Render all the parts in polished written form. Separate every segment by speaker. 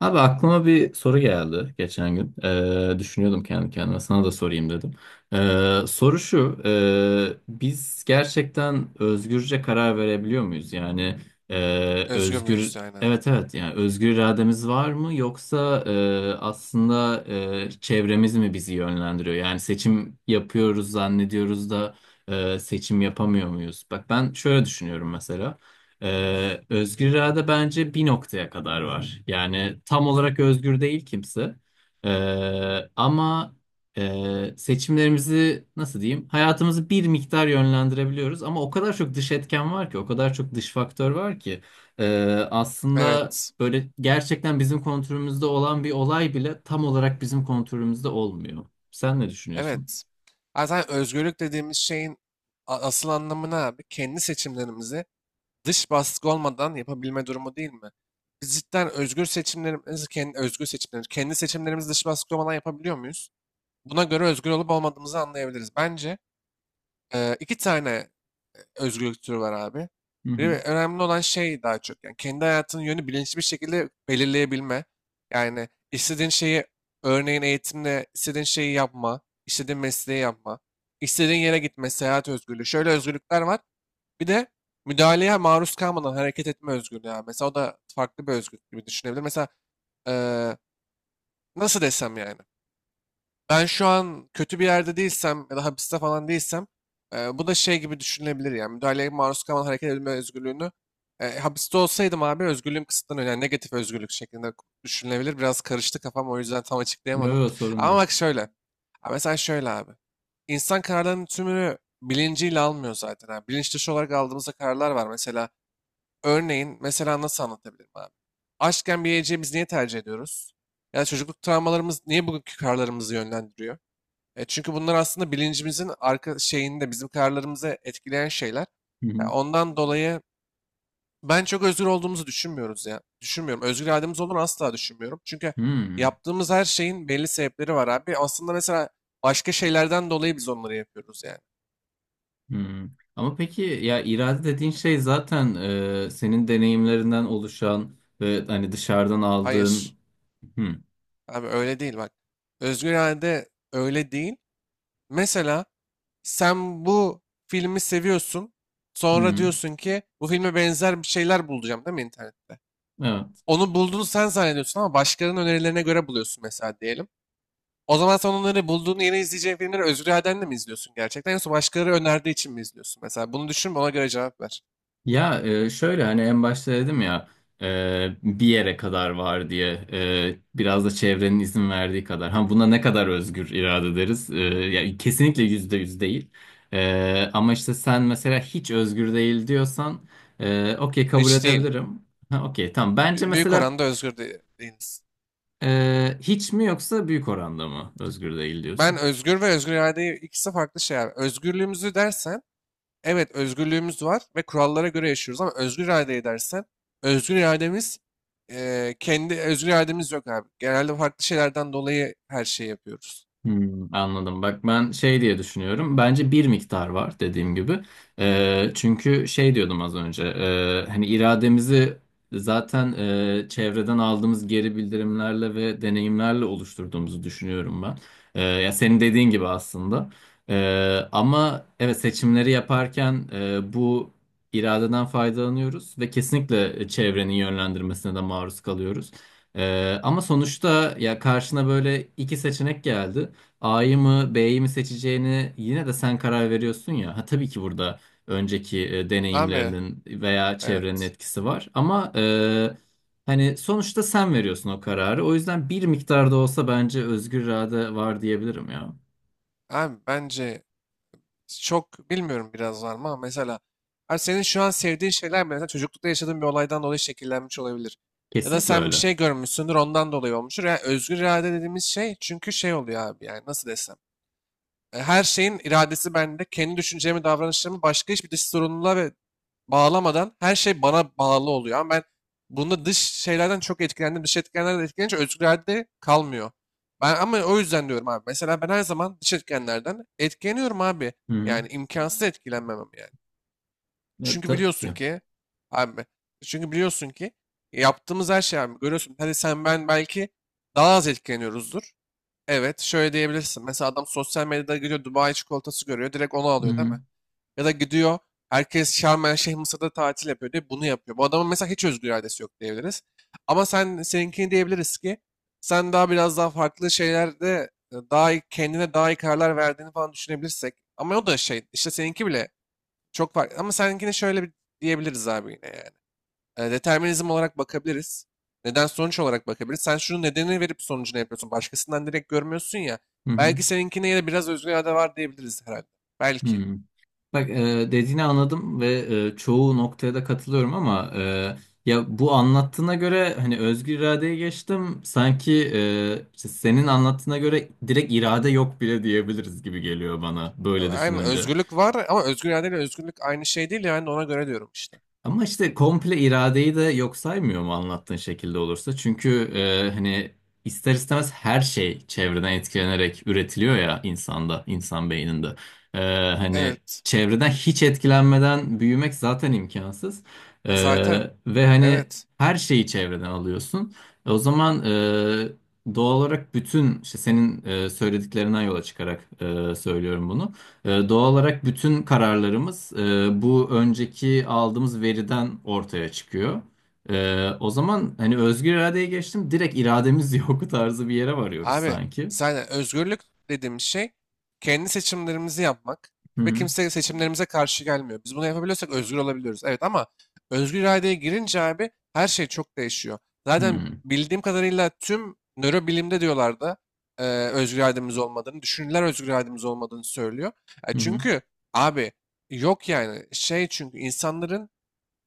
Speaker 1: Abi aklıma bir soru geldi geçen gün. Düşünüyordum kendi kendime. Sana da sorayım dedim. Soru şu. Biz gerçekten özgürce karar verebiliyor muyuz? Yani
Speaker 2: Özgür müyüz aynen.
Speaker 1: Evet evet yani özgür irademiz var mı yoksa aslında çevremiz mi bizi yönlendiriyor? Yani seçim yapıyoruz zannediyoruz da seçim yapamıyor muyuz? Bak ben şöyle düşünüyorum mesela. Özgür irade bence bir noktaya kadar var. Yani tam olarak özgür değil kimse. Ee, ama seçimlerimizi nasıl diyeyim? Hayatımızı bir miktar yönlendirebiliyoruz ama o kadar çok dış etken var ki, o kadar çok dış faktör var ki Ee, aslında
Speaker 2: Evet.
Speaker 1: böyle gerçekten bizim kontrolümüzde olan bir olay bile tam olarak bizim kontrolümüzde olmuyor. Sen ne düşünüyorsun?
Speaker 2: Evet. Zaten özgürlük dediğimiz şeyin asıl anlamı ne abi? Kendi seçimlerimizi dış baskı olmadan yapabilme durumu değil mi? Biz cidden özgür seçimlerimizi, kendi seçimlerimizi dış baskı olmadan yapabiliyor muyuz? Buna göre özgür olup olmadığımızı anlayabiliriz. Bence iki tane özgürlükleri var abi.
Speaker 1: Hı
Speaker 2: Bir
Speaker 1: hı.
Speaker 2: önemli olan şey daha çok yani kendi hayatının yönü bilinçli bir şekilde belirleyebilme. Yani istediğin şeyi örneğin eğitimle istediğin şeyi yapma, istediğin mesleği yapma, istediğin yere gitme, seyahat özgürlüğü. Şöyle özgürlükler var. Bir de müdahaleye maruz kalmadan hareket etme özgürlüğü abi. Mesela o da farklı bir özgürlük gibi düşünebilir. Mesela eee, nasıl desem yani. Ben şu an kötü bir yerde değilsem ya da hapiste falan değilsem bu da şey gibi düşünülebilir yani müdahaleye maruz kalan hareket edilme özgürlüğünü hapiste olsaydım abi özgürlüğüm kısıtlanıyor yani negatif özgürlük şeklinde düşünülebilir. Biraz karıştı kafam o yüzden tam açıklayamadım.
Speaker 1: Yok sorun
Speaker 2: Ama
Speaker 1: değil.
Speaker 2: bak şöyle, ha mesela şöyle abi, insan kararlarının tümünü bilinciyle almıyor zaten abi. Bilinç dışı olarak aldığımızda kararlar var mesela, örneğin mesela nasıl anlatabilirim abi? Aşkken bir yiyeceği biz niye tercih ediyoruz? Ya da çocukluk travmalarımız niye bugünkü kararlarımızı yönlendiriyor? Çünkü bunlar aslında bilincimizin arka şeyinde bizim kararlarımızı etkileyen şeyler.
Speaker 1: Hı
Speaker 2: Ya
Speaker 1: hı.
Speaker 2: ondan dolayı ben çok özgür olduğumuzu düşünmüyoruz ya. Düşünmüyorum. Özgür irademiz olduğunu asla düşünmüyorum. Çünkü
Speaker 1: Hmm.
Speaker 2: yaptığımız her şeyin belli sebepleri var abi. Aslında mesela başka şeylerden dolayı biz onları yapıyoruz yani.
Speaker 1: Hmm. Ama peki ya irade dediğin şey zaten senin deneyimlerinden oluşan ve hani dışarıdan aldığın.
Speaker 2: Hayır.
Speaker 1: Hmm.
Speaker 2: Abi öyle değil bak. Özgür irade öyle değil. Mesela sen bu filmi seviyorsun. Sonra
Speaker 1: Hmm.
Speaker 2: diyorsun ki bu filme benzer bir şeyler bulacağım değil mi internette?
Speaker 1: Evet.
Speaker 2: Onu bulduğunu sen zannediyorsun ama başkalarının önerilerine göre buluyorsun mesela diyelim. O zaman sen onları bulduğun yeni izleyeceğin filmleri özgür iradenle mi izliyorsun gerçekten yoksa başkaları önerdiği için mi izliyorsun? Mesela bunu düşün ona göre cevap ver.
Speaker 1: Ya şöyle hani en başta dedim ya bir yere kadar var diye biraz da çevrenin izin verdiği kadar. Ha buna ne kadar özgür irade deriz? E, ya kesinlikle yüzde yüz değil. E, ama işte sen mesela hiç özgür değil diyorsan okey kabul
Speaker 2: Hiç değil.
Speaker 1: edebilirim. Ha, okey tamam. Bence
Speaker 2: Büyük
Speaker 1: mesela
Speaker 2: oranda özgür değiliz.
Speaker 1: Hiç mi yoksa büyük oranda mı özgür değil
Speaker 2: Ben
Speaker 1: diyorsun?
Speaker 2: özgür ve özgür irade ikisi farklı şeyler. Özgürlüğümüzü dersen evet özgürlüğümüz var ve kurallara göre yaşıyoruz ama özgür iradeyi dersen özgür irademiz, kendi özgür irademiz yok abi. Genelde farklı şeylerden dolayı her şeyi yapıyoruz.
Speaker 1: Hmm, anladım. Bak ben şey diye düşünüyorum. Bence bir miktar var dediğim gibi. Çünkü şey diyordum az önce. Hani irademizi zaten çevreden aldığımız geri bildirimlerle ve deneyimlerle oluşturduğumuzu düşünüyorum ben. Ya senin dediğin gibi aslında. Ama evet seçimleri yaparken bu iradeden faydalanıyoruz ve kesinlikle çevrenin yönlendirmesine de maruz kalıyoruz. Ama sonuçta ya karşına böyle iki seçenek geldi. A'yı mı B'yi mi seçeceğini yine de sen karar veriyorsun ya. Ha, tabii ki burada önceki
Speaker 2: Abi
Speaker 1: deneyimlerinin veya çevrenin
Speaker 2: evet.
Speaker 1: etkisi var. Ama hani sonuçta sen veriyorsun o kararı. O yüzden bir miktarda olsa bence özgür irade var diyebilirim ya.
Speaker 2: Abi bence çok bilmiyorum biraz var mı ama mesela, abi senin şu an sevdiğin şeyler mesela çocuklukta yaşadığın bir olaydan dolayı şekillenmiş olabilir. Ya da
Speaker 1: Kesinlikle
Speaker 2: sen bir
Speaker 1: öyle.
Speaker 2: şey görmüşsündür ondan dolayı olmuştur. Yani özgür irade dediğimiz şey çünkü şey oluyor abi yani nasıl desem. Her şeyin iradesi bende. Kendi düşüncemi, davranışlarımı başka hiçbir dış sorumluluğa ve bağlamadan her şey bana bağlı oluyor. Ama ben bunda dış şeylerden çok etkilendim. Dış etkenlerden etkilenince özgür irade kalmıyor. Ben ama o yüzden diyorum abi. Mesela ben her zaman dış etkenlerden etkileniyorum abi.
Speaker 1: Hı hı.
Speaker 2: Yani imkansız etkilenmemem yani.
Speaker 1: Ya,
Speaker 2: Çünkü
Speaker 1: tabii
Speaker 2: biliyorsun
Speaker 1: ki.
Speaker 2: ki abi Çünkü biliyorsun ki yaptığımız her şey abi görüyorsun. Hadi sen ben belki daha az etkileniyoruzdur. Evet, şöyle diyebilirsin. Mesela adam sosyal medyada gidiyor Dubai çikolatası görüyor. Direkt onu
Speaker 1: Hı
Speaker 2: alıyor değil
Speaker 1: hı.
Speaker 2: mi? Ya da gidiyor herkes Şarm El Şeyh Mısır'da tatil yapıyor diye bunu yapıyor. Bu adamın mesela hiç özgür iradesi yok diyebiliriz. Ama sen seninkini diyebiliriz ki sen daha biraz daha farklı şeylerde daha iyi, kendine daha iyi kararlar verdiğini falan düşünebilirsek. Ama o da şey işte seninki bile çok farklı. Ama seninkini şöyle bir diyebiliriz abi yine ya. Determinizm olarak bakabiliriz. Neden sonuç olarak bakabiliriz. Sen şunun nedenini verip sonucunu yapıyorsun. Başkasından direkt görmüyorsun ya.
Speaker 1: Hı hı.
Speaker 2: Belki seninkine ya da biraz özgür irade var diyebiliriz herhalde. Belki.
Speaker 1: Hı. Bak dediğini anladım ve çoğu noktaya da katılıyorum ama ya bu anlattığına göre hani özgür iradeye geçtim sanki işte senin anlattığına göre direkt irade yok bile diyebiliriz gibi geliyor bana böyle
Speaker 2: Aynen
Speaker 1: düşününce.
Speaker 2: özgürlük var ama özgür irade ile özgürlük aynı şey değil ya. Ben de ona göre diyorum işte.
Speaker 1: Ama işte komple iradeyi de yok saymıyor mu anlattığın şekilde olursa? Çünkü hani ister istemez her şey çevreden etkilenerek üretiliyor ya insanda, insan beyninde. E, hani
Speaker 2: Evet.
Speaker 1: çevreden hiç etkilenmeden büyümek zaten imkansız. E,
Speaker 2: Zaten.
Speaker 1: ve hani
Speaker 2: Evet.
Speaker 1: her şeyi çevreden alıyorsun. E, o zaman doğal olarak bütün işte senin söylediklerinden yola çıkarak söylüyorum bunu. Doğal olarak bütün kararlarımız bu önceki aldığımız veriden ortaya çıkıyor. O zaman hani özgür iradeye geçtim, direkt irademiz yok tarzı bir yere varıyoruz
Speaker 2: Abi
Speaker 1: sanki.
Speaker 2: zaten özgürlük dediğim şey kendi seçimlerimizi yapmak
Speaker 1: Hı
Speaker 2: ve
Speaker 1: hı.
Speaker 2: kimse seçimlerimize karşı gelmiyor. Biz bunu yapabiliyorsak özgür olabiliyoruz. Evet ama özgür iradeye girince abi her şey çok değişiyor.
Speaker 1: Hı
Speaker 2: Zaten
Speaker 1: hı.
Speaker 2: bildiğim kadarıyla tüm nörobilimde diyorlardı özgür irademiz olmadığını, düşünürler özgür irademiz olmadığını söylüyor.
Speaker 1: Hı hı.
Speaker 2: Çünkü abi yok yani şey, çünkü insanların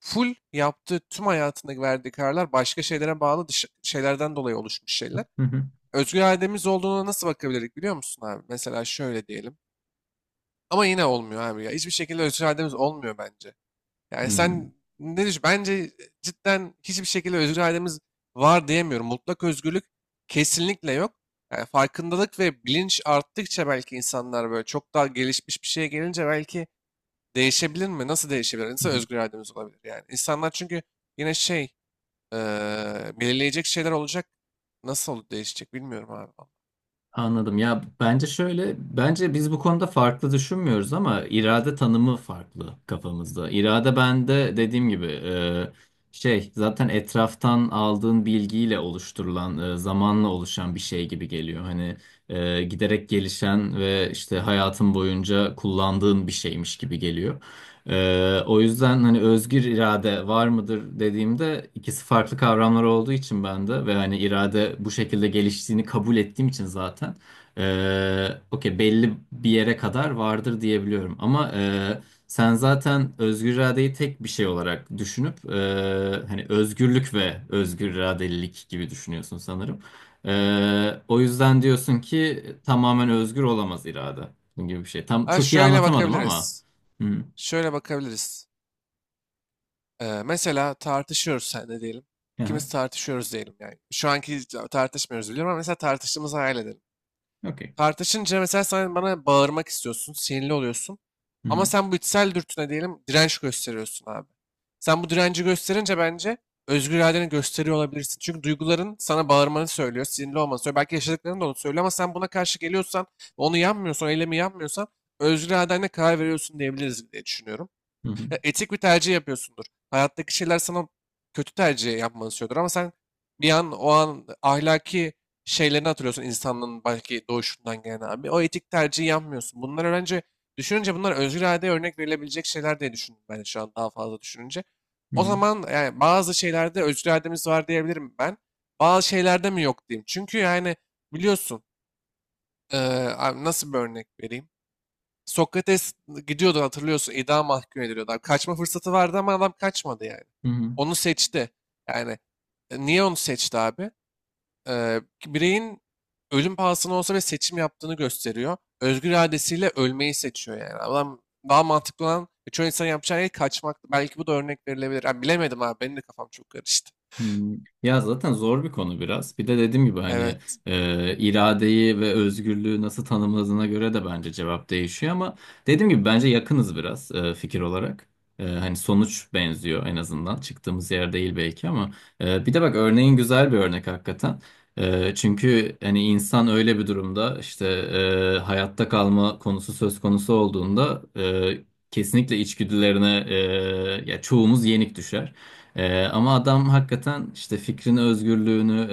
Speaker 2: full yaptığı tüm hayatındaki verdiği kararlar başka şeylere bağlı şeylerden dolayı oluşmuş şeyler,
Speaker 1: Hı
Speaker 2: özgür irademiz olduğuna nasıl bakabilirdik biliyor musun abi? Mesela şöyle diyelim. Ama yine olmuyor abi ya. Hiçbir şekilde özgür irademiz olmuyor bence. Yani
Speaker 1: hı.
Speaker 2: sen ne düşün? Bence cidden hiçbir şekilde özgür irademiz var diyemiyorum. Mutlak özgürlük kesinlikle yok. Yani farkındalık ve bilinç arttıkça belki insanlar böyle çok daha gelişmiş bir şeye gelince belki değişebilir mi? Nasıl değişebilir?
Speaker 1: Hı
Speaker 2: Nasıl
Speaker 1: hı.
Speaker 2: özgür irademiz olabilir yani? İnsanlar çünkü yine şey, eee, belirleyecek şeyler olacak. Nasıl değişecek bilmiyorum abi.
Speaker 1: Anladım. Ya bence şöyle, bence biz bu konuda farklı düşünmüyoruz ama irade tanımı farklı kafamızda. İrade bende dediğim gibi şey zaten etraftan aldığın bilgiyle oluşturulan, zamanla oluşan bir şey gibi geliyor. Hani giderek gelişen ve işte hayatın boyunca kullandığın bir şeymiş gibi geliyor. O yüzden hani özgür irade var mıdır dediğimde ikisi farklı kavramlar olduğu için ben de ve hani irade bu şekilde geliştiğini kabul ettiğim için zaten okey belli bir yere kadar vardır diyebiliyorum. Ama sen zaten özgür iradeyi tek bir şey olarak düşünüp hani özgürlük ve özgür iradelilik gibi düşünüyorsun sanırım. O yüzden diyorsun ki tamamen özgür olamaz irade. Bunun gibi bir şey. Tam
Speaker 2: Ha,
Speaker 1: çok iyi
Speaker 2: şöyle
Speaker 1: anlatamadım ama.
Speaker 2: bakabiliriz.
Speaker 1: Hı.
Speaker 2: Şöyle bakabiliriz. Mesela tartışıyoruz sen diyelim.
Speaker 1: Aha.
Speaker 2: İkimiz tartışıyoruz diyelim yani. Şu anki tartışmıyoruz biliyorum ama mesela tartıştığımızı hayal edelim.
Speaker 1: Okay.
Speaker 2: Tartışınca mesela sen bana bağırmak istiyorsun, sinirli oluyorsun.
Speaker 1: Hı
Speaker 2: Ama
Speaker 1: hı.
Speaker 2: sen bu içsel dürtüne diyelim direnç gösteriyorsun abi. Sen bu direnci gösterince bence özgür iradeni gösteriyor olabilirsin. Çünkü duyguların sana bağırmanı söylüyor, sinirli olmanı söylüyor. Belki yaşadıkların da onu söylüyor ama sen buna karşı geliyorsan, onu yapmıyorsan, eylemi yapmıyorsan özgür iradenle karar veriyorsun diyebiliriz diye düşünüyorum,
Speaker 1: Hı hı.
Speaker 2: etik bir tercih yapıyorsundur. Hayattaki şeyler sana kötü tercih yapmanı istiyordur ama sen bir an o an ahlaki şeylerini hatırlıyorsun insanlığın belki doğuşundan gelen abi. O etik tercihi yapmıyorsun. Bunlar bence düşününce bunlar özgür iradeye örnek verilebilecek şeyler diye düşündüm ben şu an daha fazla düşününce. O zaman yani bazı şeylerde özgür irademiz var diyebilirim ben. Bazı şeylerde mi yok diyeyim. Çünkü yani biliyorsun, eee, abi nasıl bir örnek vereyim? Sokrates gidiyordu hatırlıyorsun, idam mahkum ediliyordu. Abi kaçma fırsatı vardı ama adam kaçmadı yani. Onu seçti. Yani niye onu seçti abi? Bireyin ölüm pahasına olsa ve seçim yaptığını gösteriyor. Özgür iradesiyle ölmeyi seçiyor yani. Adam, daha mantıklı olan çoğu insan yapacağı şey kaçmak. Belki bu da örnek verilebilir. Ha, bilemedim abi benim de kafam çok karıştı.
Speaker 1: Hmm. Ya zaten zor bir konu biraz. Bir de dediğim gibi hani
Speaker 2: Evet,
Speaker 1: iradeyi ve özgürlüğü nasıl tanımladığına göre de bence cevap değişiyor ama dediğim gibi bence yakınız biraz fikir olarak. E, hani sonuç benziyor en azından. Çıktığımız yer değil belki ama bir de bak örneğin güzel bir örnek hakikaten. E, çünkü hani insan öyle bir durumda işte hayatta kalma konusu söz konusu olduğunda kesinlikle içgüdülerine ya çoğumuz yenik düşer. Ama adam hakikaten işte fikrini, özgürlüğünü,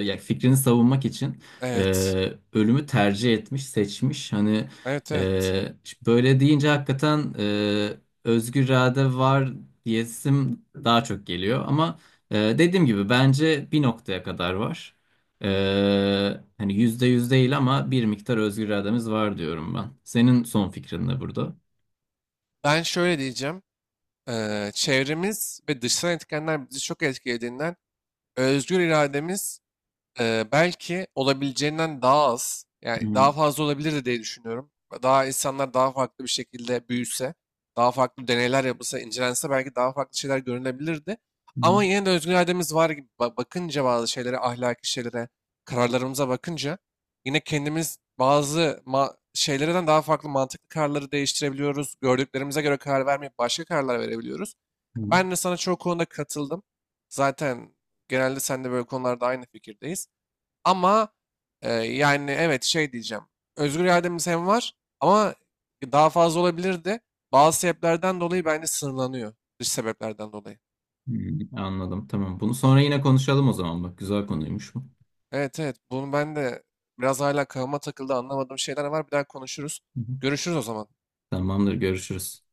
Speaker 1: ya fikrini savunmak için e,
Speaker 2: evet,
Speaker 1: ölümü tercih etmiş, seçmiş. Hani
Speaker 2: evet, evet.
Speaker 1: işte böyle deyince hakikaten özgür irade var diyesim daha çok geliyor. Ama dediğim gibi bence bir noktaya kadar var. E, hani yüzde yüz değil ama bir miktar özgür irademiz var diyorum ben. Senin son fikrin ne burada?
Speaker 2: Ben şöyle diyeceğim. Çevremiz ve dışsal etkenler bizi çok etkilediğinden özgür irademiz, belki olabileceğinden daha az, yani
Speaker 1: Hı
Speaker 2: daha fazla olabilirdi diye düşünüyorum. Daha insanlar daha farklı bir şekilde büyüse, daha farklı deneyler yapılsa, incelense belki daha farklı şeyler görünebilirdi.
Speaker 1: hı,
Speaker 2: Ama yine de özgür irademiz var gibi bakınca bazı şeylere, ahlaki şeylere, kararlarımıza bakınca yine kendimiz bazı şeylerden daha farklı mantıklı kararları değiştirebiliyoruz. Gördüklerimize göre karar vermeyip başka kararlar verebiliyoruz.
Speaker 1: hı. Hı.
Speaker 2: Ben de sana çoğu konuda katıldım. Zaten genelde sen de böyle konularda aynı fikirdeyiz. Ama yani evet şey diyeceğim. Özgür irademiz hem var ama daha fazla olabilirdi. Bazı sebeplerden dolayı bence sınırlanıyor. Dış sebeplerden dolayı.
Speaker 1: Hmm, anladım. Tamam. Bunu sonra yine konuşalım o zaman. Bak güzel konuymuş bu.
Speaker 2: Evet, evet, bunu ben de biraz hala kafama takıldı, anlamadığım şeyler var. Bir daha konuşuruz.
Speaker 1: Hı hı.
Speaker 2: Görüşürüz o zaman.
Speaker 1: Tamamdır. Görüşürüz.